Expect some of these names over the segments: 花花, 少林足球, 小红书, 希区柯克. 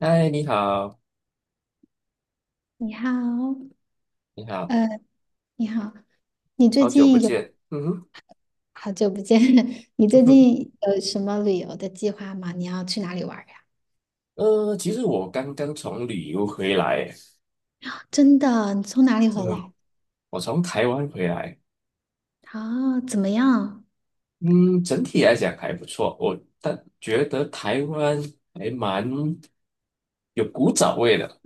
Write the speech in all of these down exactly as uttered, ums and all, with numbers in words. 嗨，你好，你好，你好，呃，你好，你最好久不近有见。嗯哼，好久不见，你嗯最哼，近有什么旅游的计划吗？你要去哪里玩儿呀？呃，其实我刚刚从旅游回来。真的，你从哪里回真的，来？我从台湾回来。哦，怎么样？嗯，整体来讲还不错。我但觉得台湾还蛮有古早味的，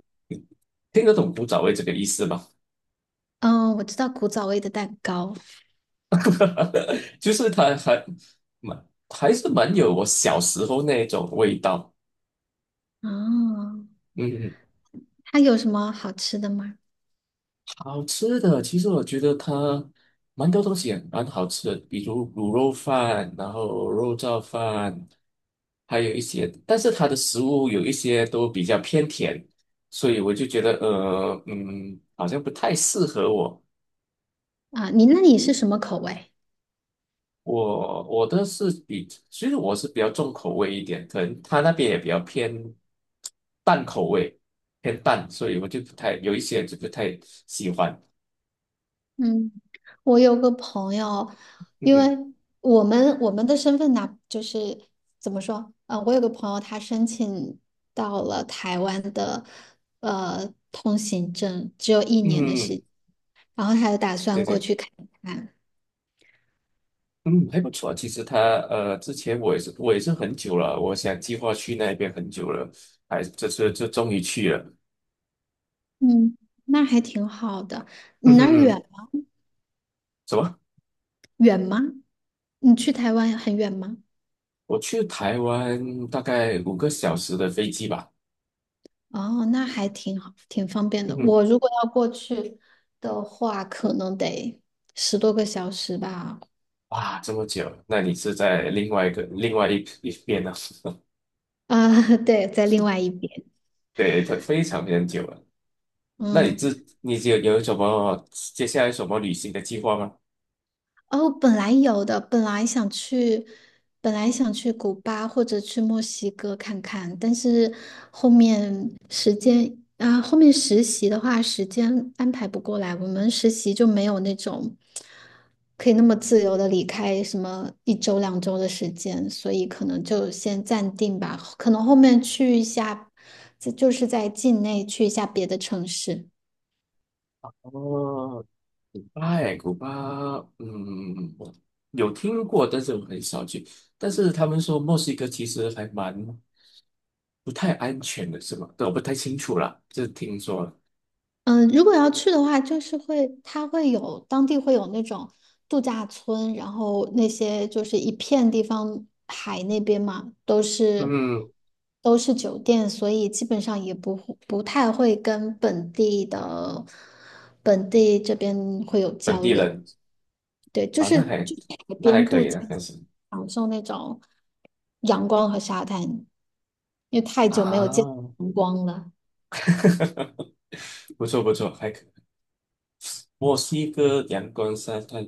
听得懂古早味这个意思吗？嗯，我知道古早味的蛋糕。就是它还蛮还是蛮有我小时候那种味道。哦，嗯，它有什么好吃的吗？好吃的，其实我觉得它蛮多东西也蛮好吃的，比如卤肉饭，然后肉燥饭，还有一些。但是它的食物有一些都比较偏甜，所以我就觉得，呃，嗯，好像不太适合我。啊，你那里是什么口味？我我的是比，其实我是比较重口味一点，可能他那边也比较偏淡口味，偏淡，所以我就不太有一些就不太喜欢。嗯，我有个朋友，嗯因哼，为我们我们的身份呢，就是怎么说？呃，我有个朋友，他申请到了台湾的呃通行证，只有一年的时嗯，间，然后他就打对算过对。去看看。嗯，还不错。其实他呃，之前我也是我也是很久了，我想计划去那边很久了，还这次就终于去了。嗯，那还挺好的。你嗯那儿远哼，吗什么？远吗？你去台湾很远吗？我去台湾大概五个小时的飞机吧。哦，那还挺好，挺方便嗯的。哼，我如果要过去的话，可能得十多个小时吧。哇，这么久？那你是在另外一个另外一一边呢、啊，对，在另外一边。对，它非常非常久了。那你这嗯，你有有什么接下来什么旅行的计划吗？哦，本来有的，本来想去，本来想去古巴或者去墨西哥看看，但是后面时间啊，后面实习的话，时间安排不过来，我们实习就没有那种可以那么自由的离开什么一周两周的时间，所以可能就先暂定吧，可能后面去一下，就就是在境内去一下别的城市。哦，哎，古巴，嗯，我有听过，但是我很少去。但是他们说墨西哥其实还蛮不太安全的，是吗？对，我不太清楚啦，这听说了。嗯，如果要去的话，就是会，它会有当地会有那种度假村，然后那些就是一片地方，海那边嘛，都是嗯，都是酒店，所以基本上也不会不太会跟本地的本地这边会有本交地流。人对，就啊，那是还就是海那还边可度以，假，那还行享受那种阳光和沙滩，因为太久没有见啊，阳光了，不错不错，还可以墨西哥阳光沙滩，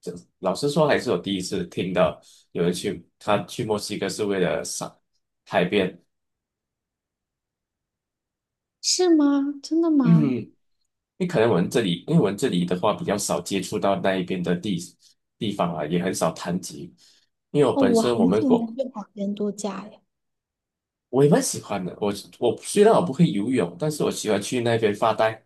这老实说还是我第一次听到有人去，他去墨西哥是为了赏海边。是吗？真的嗯，吗？因为可能我们这里，因为我们这里的话比较少接触到那一边的地地方啊，也很少谈及。因为我哦，本我身我很们喜欢国去海边度假呀！我也蛮喜欢的。我我虽然我不会游泳，但是我喜欢去那边发呆。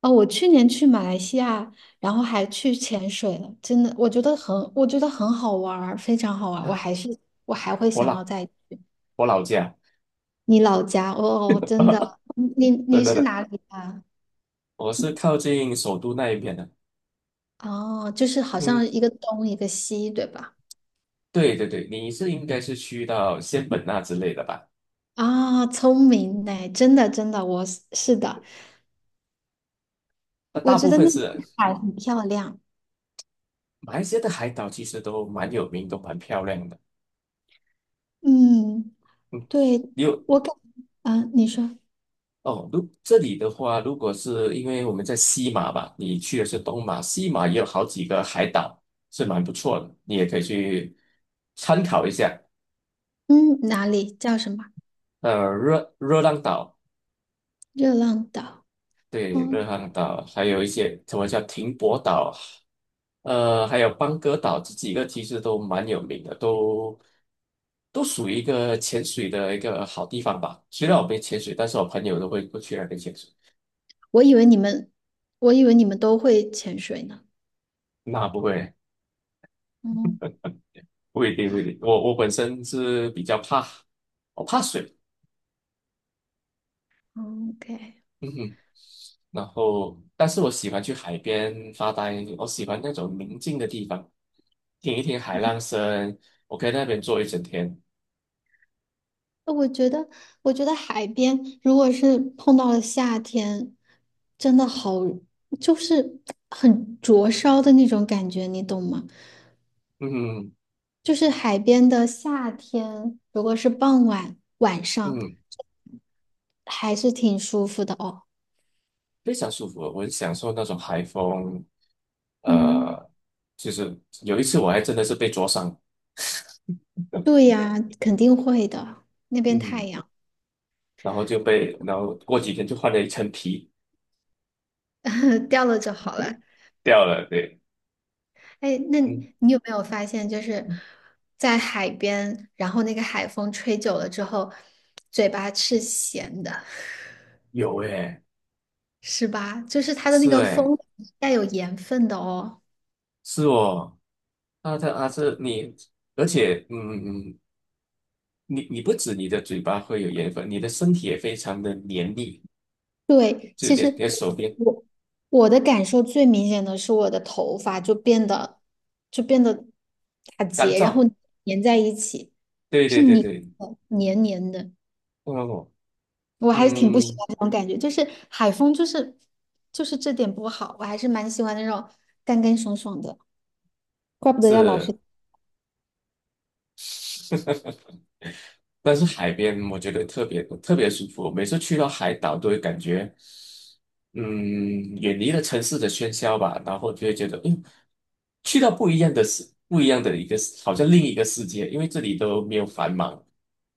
哦，我去年去马来西亚，然后还去潜水了，真的，我觉得很，我觉得很好玩儿，非常好玩儿。我还是，我还会我想要老再去我老家，你老家哦，哦真的，你你 真你的是的，哪里的啊？我是靠近首都那一边的。哦，就是好像嗯，一个东一个西，对吧？对对对，你是应该是去到仙本那之类的吧？啊、聪明呢，真的真的，我是是的，那我大觉部得分那里是的海很漂亮。马来西亚的海岛，其实都蛮有名，都蛮漂亮的。嗯，对，你有我感，嗯、你说，哦，如这里的话，如果是因为我们在西马吧，你去的是东马。西马也有好几个海岛，是蛮不错的，你也可以去参考一下。嗯，哪里叫什么？呃，热热浪岛，热浪岛，对，热嗯，浪岛，还有一些什么叫停泊岛。呃，还有邦哥岛，这几个其实都蛮有名的，都都属于一个潜水的一个好地方吧。虽然我没潜水，但是我朋友都会过去那边潜水。我以为你们，我以为你们都会潜水呢。那不会，嗯不一定，不一定。我我本身是比较怕，我怕水，嗯，OK，嗯哼。然后，但是我喜欢去海边发呆，我喜欢那种宁静的地方，听一听海浪声，我可以在那边坐一整天。呃我觉得，我觉得海边如果是碰到了夏天，真的好，就是很灼烧的那种感觉，你懂吗？嗯就是海边的夏天，如果是傍晚晚上，嗯，还是挺舒服的哦。非常舒服。我很享受那种海风。嗯，呃，就是有一次我还真的是被灼伤。对呀，肯定会的，那边太嗯，阳 然后就被，然后过几天就换了一层皮 掉了就好了。掉了，对。哎，那嗯，你你有没有发现，就是在海边，然后那个海风吹久了之后，嘴巴是咸的，有诶，是吧？就是它的那是个诶，风带有盐分的哦。是哦。啊，它啊是你，而且嗯，你你不止你的嘴巴会有盐分，你的身体也非常的黏腻，对，就你其的你实的手我边我我的感受最明显的是我的头发就变得就变得打干结，然后燥。粘在一起，对是对对黏对，的，黏黏的。哦，我还是挺不喜嗯。欢这种感觉，就是海风，就是就是这点不好，我还是蛮喜欢那种干干爽爽的，怪不得要老是，但是海边我觉得特别特别舒服。每次去到海岛都会感觉，嗯，远离了城市的喧嚣吧，然后就会觉得，嗯，去到不一样的世，不一样的一个世好像另一个世界。因为这里都没有繁忙，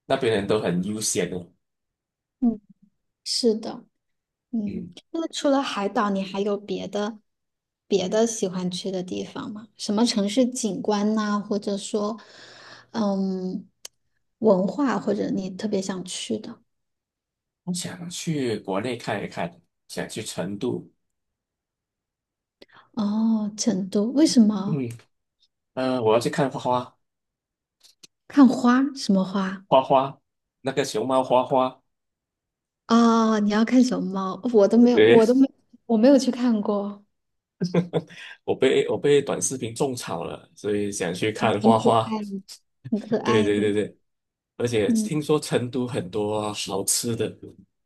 那边人都很悠闲的。嗯，是的，嗯，嗯，那除了海岛，你还有别的别的喜欢去的地方吗？什么城市景观呐、或者说，嗯，文化，或者你特别想去的？我想去国内看一看，想去成都。哦，成都，为什么？嗯，呃，我要去看花花。看花？什么花？花花，那个熊猫花花。啊？你要看熊猫？我都没有，对，我都没，我没有去看过。我被我被短视频种草了，所以想去哇，看很花可花。爱，的，很可 对爱对的，对对，而且嗯听说成都很多好吃的，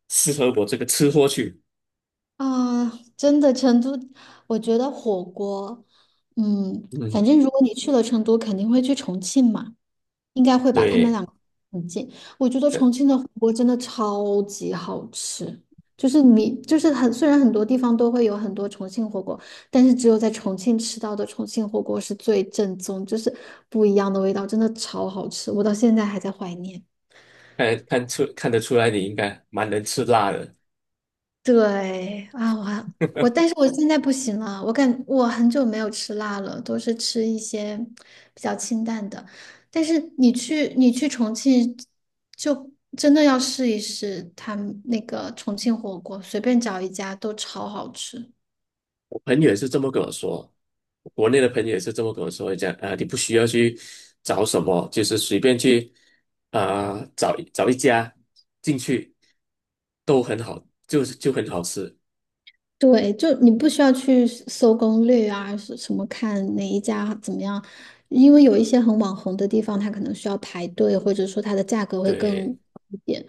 适合我这个吃货去。啊，真的，成都，我觉得火锅，嗯，反嗯，正如果你去了成都，肯定会去重庆嘛，应该会把他们对，俩个很近。我觉得对，重庆的火锅真的超级好吃，就是你就是很，虽然很多地方都会有很多重庆火锅，但是只有在重庆吃到的重庆火锅是最正宗，就是不一样的味道，真的超好吃，我到现在还在怀念。看看出看得出来，你应该蛮能吃辣的。对啊，我还我，但是我现在不行了，我感我很久没有吃辣了，都是吃一些比较清淡的。但是你去你去重庆，就真的要试一试他们那个重庆火锅，随便找一家都超好吃。朋友也是这么跟我说，国内的朋友也是这么跟我说，讲啊、你不需要去找什么，就是随便去啊、找找一家进去都很好，就是就很好吃。对，就你不需要去搜攻略啊，是什么看哪一家怎么样，因为有一些很网红的地方，它可能需要排队，或者说它的价格会对，更高一点，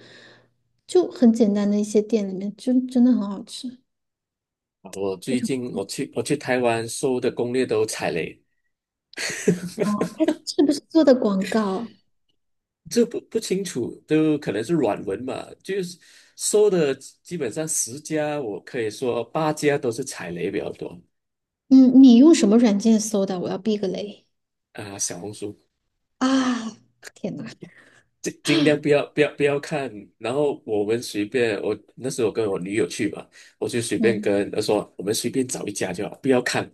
就很简单的一些店里面，就真的很好吃，我非最常。近我去我去台湾搜的攻略都踩雷。哦，它是不是做的广告？这不不清楚，都可能是软文嘛，就是搜的基本上十家，我可以说八家都是踩雷比较多。嗯，你用什么软件搜的？我要避个雷啊、小红书。啊！天呐，尽尽量不要不要不要看。然后我们随便，我那时候跟我女友去嘛，我就随便嗯，跟她说，我们随便找一家就好，不要看，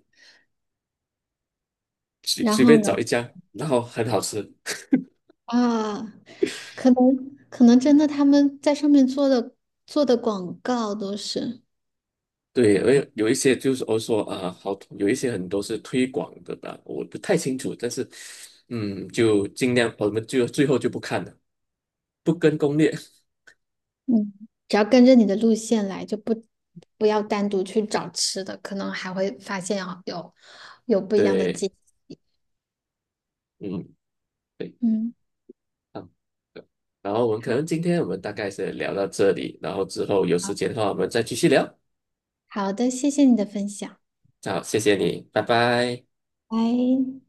随然随后便呢？找一家，然后很好吃。啊，可能可能真的他们在上面做的做的广告都是。对，因为有一些就是我说啊，好，有一些很多是推广的吧，我不太清楚，但是嗯，就尽量我们就最后就不看了，不跟攻略。嗯，只要跟着你的路线来，就不不要单独去找吃的，可能还会发现啊有有不一样的对，景。嗯，对，嗯，嗯，对，然后我们可好，能今天我们大概是聊到这里，然后之后有时好，间的话，我们再继续聊。好的，谢谢你的分享。好，谢谢你，拜拜。拜。